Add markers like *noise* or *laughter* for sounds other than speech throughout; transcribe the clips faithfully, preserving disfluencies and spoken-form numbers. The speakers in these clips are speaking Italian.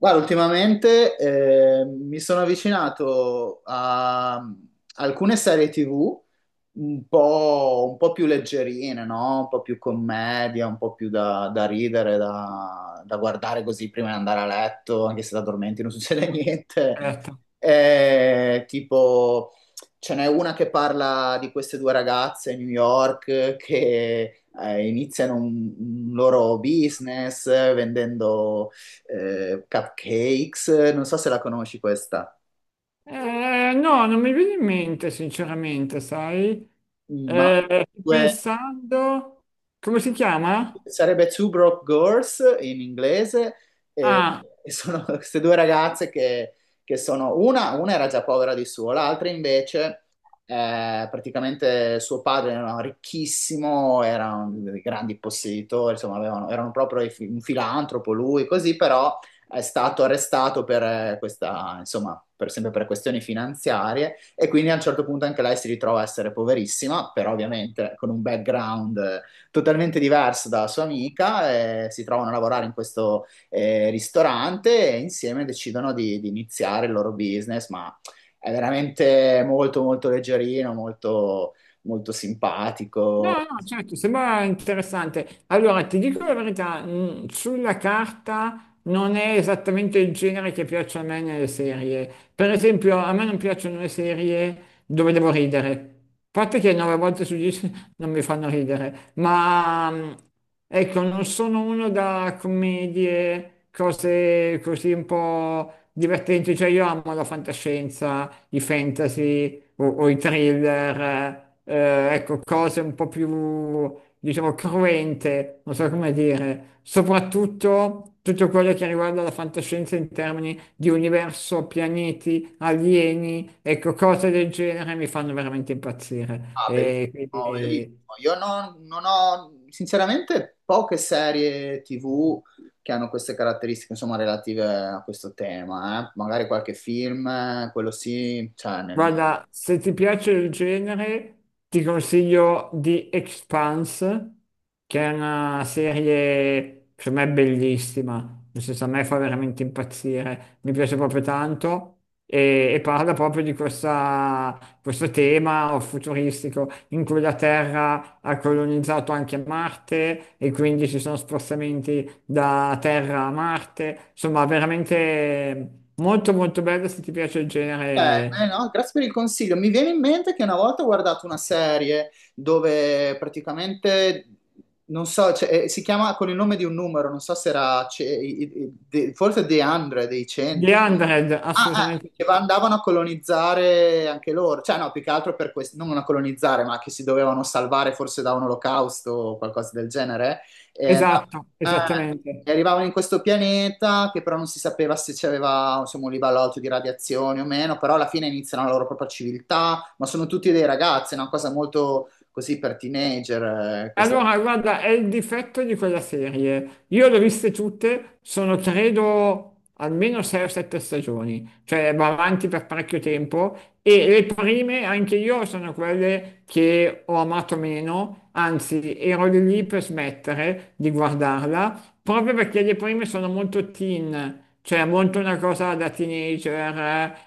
Guarda, ultimamente eh, mi sono avvicinato a alcune serie T V un po', un po' più leggerine, no? Un po' più commedia, un po' più da, da ridere, da, da guardare così prima di andare a letto, anche se da dormenti non *laughs* succede niente. Certo. Eh, tipo, ce n'è una che parla di queste due ragazze a New York che eh, iniziano un un loro business vendendo eh, cupcakes, non so se la conosci questa, Eh, no, non mi viene in mente, sinceramente, sai? ma Eh, sto due pensando, come si chiama? sarebbe Two Broke Girls in inglese, e, Ah, e sono *laughs* queste due ragazze che, che sono, una, una era già povera di suo, l'altra invece, eh, praticamente suo padre era ricchissimo, era un dei grandi posseditori, insomma, avevano- erano proprio i fi- un filantropo lui, così, però è stato arrestato per eh, questa, insomma, per, sempre per questioni finanziarie e quindi a un certo punto anche lei si ritrova a essere poverissima, però ovviamente con un background eh, totalmente diverso dalla sua amica, eh, si trovano a lavorare in questo eh, ristorante e insieme decidono di, di iniziare il loro business, ma è veramente molto molto leggerino, molto, molto no, simpatico. no, certo, sembra interessante. Allora, ti dico la verità, mh, sulla carta non è esattamente il genere che piace a me nelle serie. Per esempio, a me non piacciono le serie dove devo ridere. A parte che nove volte su dieci *laughs* non mi fanno ridere, ma mh, ecco, non sono uno da commedie, cose così un po' divertenti. Cioè, io amo la fantascienza, i fantasy, o, o i thriller, eh, ecco, cose un po' più, diciamo, cruente, non so come dire, soprattutto tutto quello che riguarda la fantascienza in termini di universo, pianeti, alieni, ecco, cose del genere mi fanno veramente impazzire. Ah, E bellissimo, bellissimo. quindi. Io non, non ho, sinceramente, poche serie T V che hanno queste caratteristiche, insomma, relative a questo tema, eh. Magari qualche film, eh, quello sì, cioè, nel- Guarda, se ti piace il genere, ti consiglio The Expanse, che è una serie, secondo me, bellissima. Nel senso, a me fa veramente impazzire, mi piace proprio tanto. E, e parla proprio di questa- questo tema futuristico in cui la Terra ha colonizzato anche Marte e quindi ci sono spostamenti da Terra a Marte. Insomma, veramente molto molto bello se ti piace il Eh, eh, genere. no, grazie per il consiglio. Mi viene in mente che una volta ho guardato una serie dove praticamente, non so, cioè, eh, si chiama con il nome di un numero, non so se era, ce- i- i- de- forse The cento, dei The cento. one hundred, Ah, eh, assolutamente sì. che va- andavano a colonizzare anche loro, cioè no, più che altro per questo, non a colonizzare, ma che si dovevano salvare forse da un olocausto o qualcosa del genere. E, andav- Esatto, eh, esattamente. e arrivavano in questo pianeta che però non si sapeva se c'aveva insomma, un livello alto di radiazioni o meno, però alla fine iniziano la loro propria civiltà, ma sono tutti dei ragazzi, è una cosa molto così per teenager, eh, questa- Allora, guarda, è il difetto di quella serie. Io le ho viste tutte, sono credo almeno sei o sette stagioni, cioè va avanti per parecchio tempo e le prime anche io sono quelle che ho amato meno, anzi ero lì lì per smettere di guardarla, proprio perché le prime sono molto teen, cioè molto una cosa da teenager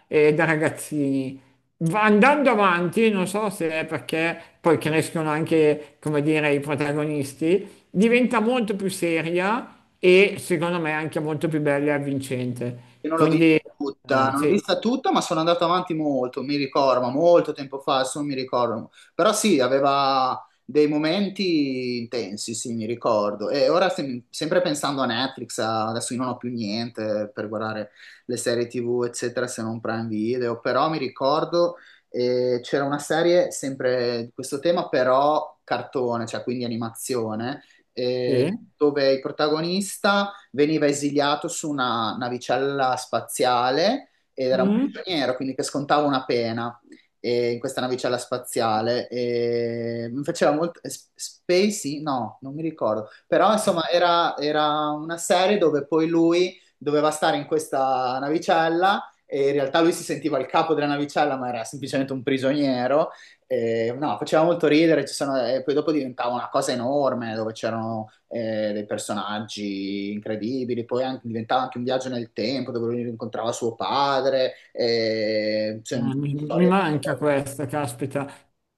eh, e da ragazzini. Va- Andando avanti, non so se è perché poi crescono anche, come dire, i protagonisti, diventa molto più seria e secondo me anche molto più bella e avvincente. io non l'ho vista Quindi, tutta, eh, non l'ho sì, vista tutta, ma sono andato avanti molto, mi ricordo, ma molto tempo fa, adesso non mi ricordo. Però sì, aveva dei momenti intensi, sì, mi ricordo. E ora sem- sempre pensando a Netflix, a- adesso io non ho più niente per guardare le serie T V, eccetera, se non Prime Video, però mi ricordo eh, c'era una serie sempre di questo tema, però cartone, cioè quindi animazione, eh, sì. dove il protagonista veniva esiliato su una navicella spaziale ed era un Mm. prigioniero, quindi che scontava una pena eh, in questa navicella spaziale. E mi faceva molto... S- Spacey? No, non mi ricordo. Però insomma era, era una serie dove poi lui doveva stare in questa navicella e in realtà lui si sentiva il capo della navicella ma era semplicemente un prigioniero eh, no, faceva molto ridere, ci sono- e poi dopo diventava una cosa enorme dove c'erano eh, dei personaggi incredibili, poi anche- diventava anche un viaggio nel tempo dove lui incontrava suo padre, eh, cioè, Eh, mi, mi storie da- manca questa, caspita.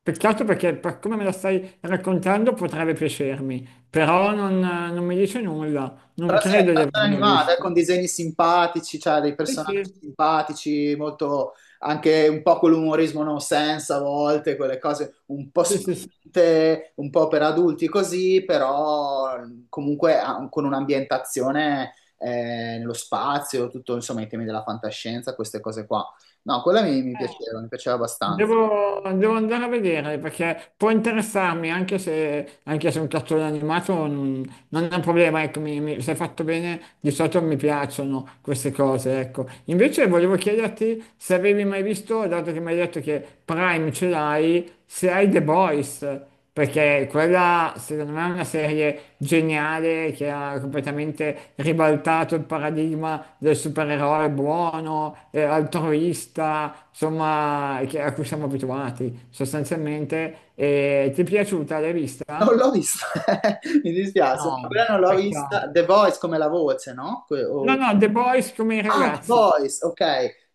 Peccato perché per come me la stai raccontando potrebbe piacermi, però non, non mi dice nulla, non però sì, è credo di cartone averla animata, eh, vista. con disegni simpatici, cioè dei Sì, personaggi sì, simpatici, molto anche un po' quell'umorismo no sense a volte, quelle cose un po' sì, sì, sì. spinte, un po' per adulti così, però comunque ha- con un'ambientazione eh, nello spazio, tutto insomma i temi della fantascienza, queste cose qua. No, quella mi, mi Eh, piaceva, mi piaceva abbastanza. Devo, devo andare a vedere perché può interessarmi anche se, anche se un cartone animato non, non è un problema, ecco, mi, mi- se fatto bene di solito mi piacciono queste cose, ecco. Invece volevo chiederti se avevi mai visto, dato che mi hai detto che Prime ce l'hai, se hai The Boys, perché quella, secondo me, è una serie geniale che ha completamente ribaltato il paradigma del supereroe buono, eh, altruista, insomma, che- a cui siamo abituati sostanzialmente. E ti è piaciuta? L'hai Non vista? l'ho vista, *laughs* mi dispiace, ma No, quella non l'ho vista. peccato. The Voice come la voce, no? Que- No, o- no, The Boys come i Ah, The ragazzi. Boys, ok.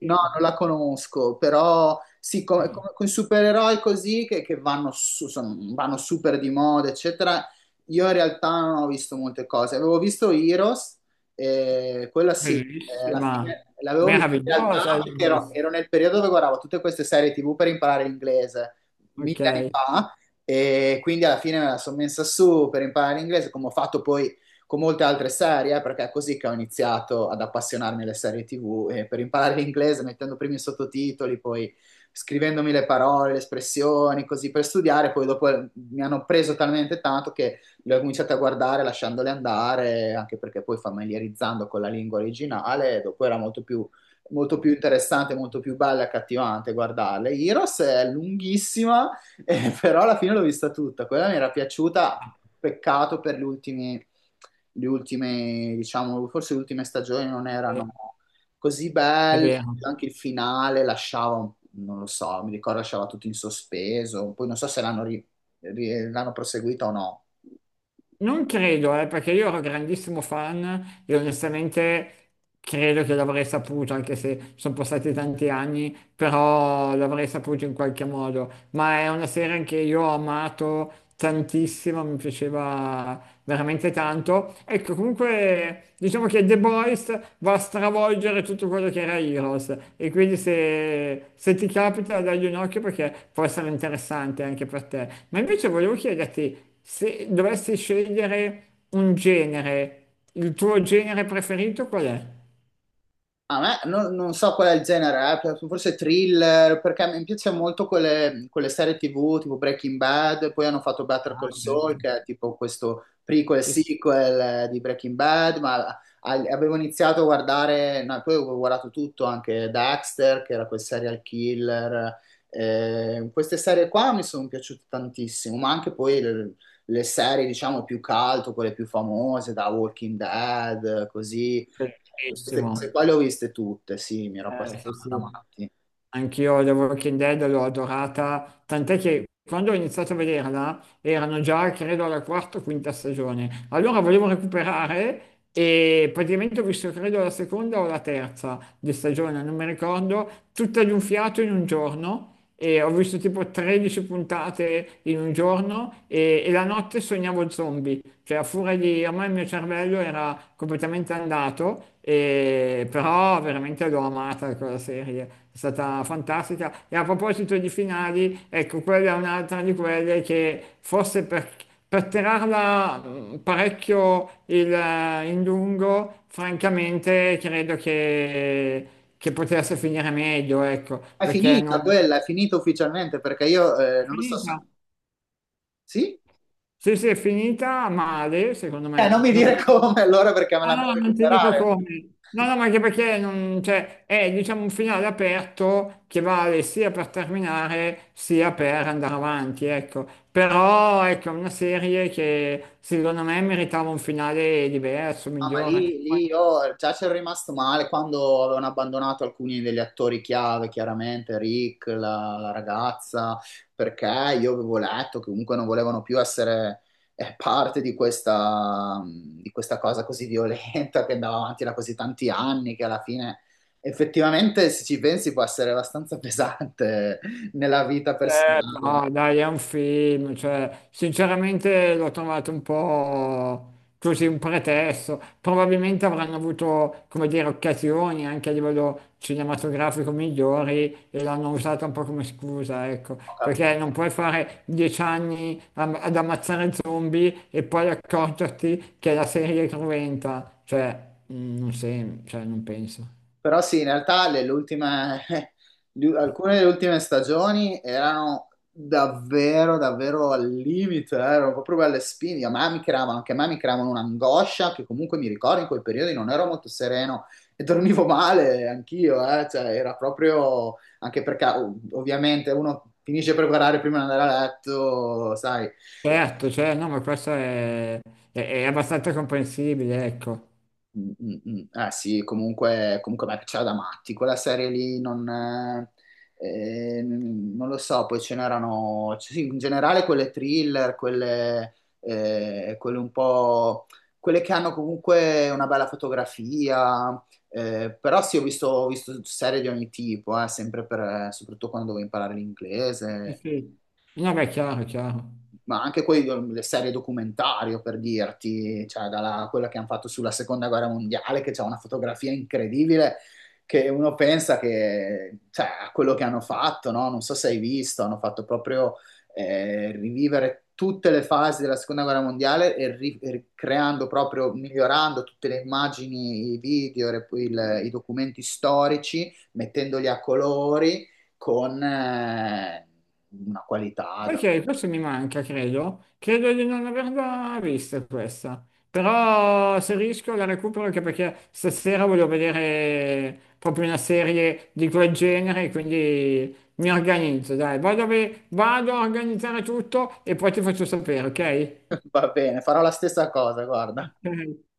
No, Sì. non la conosco, però sì, come, come- con i supereroi così che, che vanno, su- sono- vanno super di moda, eccetera. Io in realtà non ho visto molte cose. Avevo visto Heroes, eh, quella sì, eh, alla Bellissima, fine l'avevo vista in realtà meravigliosa. perché ero, ero nel periodo dove guardavo tutte queste serie T V per imparare l'inglese, Ok, mille anni fa, e quindi alla fine me la sono messa su per imparare l'inglese, come ho fatto poi con molte altre serie, eh, perché è così che ho iniziato ad appassionarmi alle serie T V, e per imparare l'inglese mettendo prima i sottotitoli, poi scrivendomi le parole, le espressioni, così per studiare, poi dopo eh, mi hanno preso talmente tanto che le ho cominciate a guardare lasciandole andare, anche perché poi familiarizzando con la lingua originale, dopo era molto più molto più interessante, molto più bella e accattivante guardarle. Heroes è lunghissima, *laughs* eh, però alla fine l'ho vista tutta. Quella mi era piaciuta, peccato per gli ultimi le ultime, diciamo, forse le ultime stagioni non è erano così è belle, vero. anche il finale lasciava, un- non lo so, mi ricordo lasciava tutto in sospeso, poi non so se l'hanno, ri- ri- l'hanno proseguita o no. Non credo, eh, perché io ero grandissimo fan e onestamente credo che l'avrei saputo, anche se sono passati tanti anni, però l'avrei saputo in qualche modo. Ma è una serie che io ho amato tantissimo, mi piaceva veramente tanto. Ecco, comunque diciamo che The Boys va a stravolgere tutto quello che era Heroes e quindi se, se ti capita dagli un occhio perché può essere interessante anche per te. Ma invece volevo chiederti se dovessi scegliere un genere, il tuo genere preferito qual è? A me non, non so qual è il genere, eh, forse thriller, perché mi piace molto quelle, quelle serie T V tipo Breaking Bad, poi hanno fatto Better Ah, Call certo. Saul, che è tipo questo prequel sequel eh, di Breaking Bad, ma a- avevo iniziato a guardare, no, poi ho guardato tutto, anche Dexter, che era quel serial killer. Eh, queste serie qua mi sono piaciute tantissimo, ma anche poi le, le serie, diciamo, più cult, quelle più famose, da Walking Dead, così. Queste cose Bellissimo. qua le ho viste tutte, sì, mi ero Eh, sì, appassionato da sì. matti. Anch'io The Walking Dead l'ho adorata, tant'è che quando ho iniziato a vederla erano già, credo, alla quarta o quinta stagione. Allora volevo recuperare e praticamente ho visto, credo, la seconda o la terza di stagione, non mi ricordo, tutta di un fiato in un giorno e ho visto tipo tredici puntate in un giorno e, e la notte sognavo zombie, cioè a furia di, ormai il mio cervello era completamente andato, e- però veramente l'ho amata quella serie, è stata fantastica. E a proposito di finali, ecco, quella è un'altra di quelle che forse per, per tirarla mh, parecchio il- eh, in lungo, francamente credo che che potesse finire meglio, ecco, Ma è perché finita non, quella, è finita ufficialmente perché io eh, è non lo so. se- finita. Sì? Sì, sì, è finita male, secondo Eh, non me. mi Non dire ti, come allora perché me no, l'hanno no, a non ti dico recuperare. come. No, no, ma anche perché non- cioè, è diciamo, un finale aperto che vale sia per terminare sia per andare avanti, ecco. Però ecco, è una serie che secondo me meritava un finale diverso, Ah, ma migliore. lì, lì io già ci ero rimasto male quando avevano abbandonato alcuni degli attori chiave, chiaramente Rick, la, la ragazza, perché io avevo letto che comunque non volevano più essere eh, parte di questa, di questa cosa così violenta che andava avanti da così tanti anni, che alla fine effettivamente, se ci pensi, può essere abbastanza *laughs* pesante nella vita Eh, personale. no, dai, è un film, cioè, sinceramente l'ho trovato un po' così un pretesto. Probabilmente avranno avuto, come dire, occasioni anche a livello cinematografico migliori e l'hanno usata un po' come scusa, ecco, perché non puoi fare dieci anni am- ad ammazzare zombie e poi accorgerti che la serie è cruenta, cioè, mm, non sem- cioè, non penso. Però sì, in realtà le- le ultime- *laughs* di- alcune delle ultime stagioni erano davvero, davvero al limite, eh, erano proprio belle spine. A me mi creavano, anche a me mi creavano un'angoscia che comunque mi ricordo in quei periodi non ero molto sereno e dormivo male anch'io, eh, cioè era proprio, anche perché ov- ovviamente uno finisce per guardare prima di andare a letto, sai. Certo, cioè, no, ma questo è, è- è abbastanza comprensibile, ecco. Mm, mm, mm. Eh sì, comunque, comunque a me piaceva da matti, quella serie lì non, eh, eh, non lo so, poi ce n'erano, cioè, sì, in generale quelle thriller, quelle, eh, quelle un po', quelle che hanno comunque una bella fotografia, eh, però sì, ho visto, ho visto serie di ogni tipo, eh, sempre per, soprattutto quando dovevo imparare Sì, l'inglese sì. No, beh, è chiaro, è chiaro. ma anche poi um, le serie documentario per dirti, cioè dalla, quella che hanno fatto sulla seconda guerra mondiale, che c'è una fotografia incredibile, che uno pensa che, cioè, a quello che hanno fatto, no? Non so se hai visto, hanno fatto proprio eh, rivivere tutte le fasi della seconda guerra mondiale e, ri- e creando proprio, migliorando tutte le immagini, i video, le- il- i documenti storici, mettendoli a colori con eh, una qualità Sai che questo mi manca, credo. Credo di non averla vista questa. Però se riesco la recupero anche perché stasera voglio vedere proprio una serie di quel genere, quindi mi organizzo, dai. Vado, a ve- vado a organizzare tutto e poi ti faccio sapere, ok? *laughs* Va bene, farò la stessa cosa, guarda. Ok.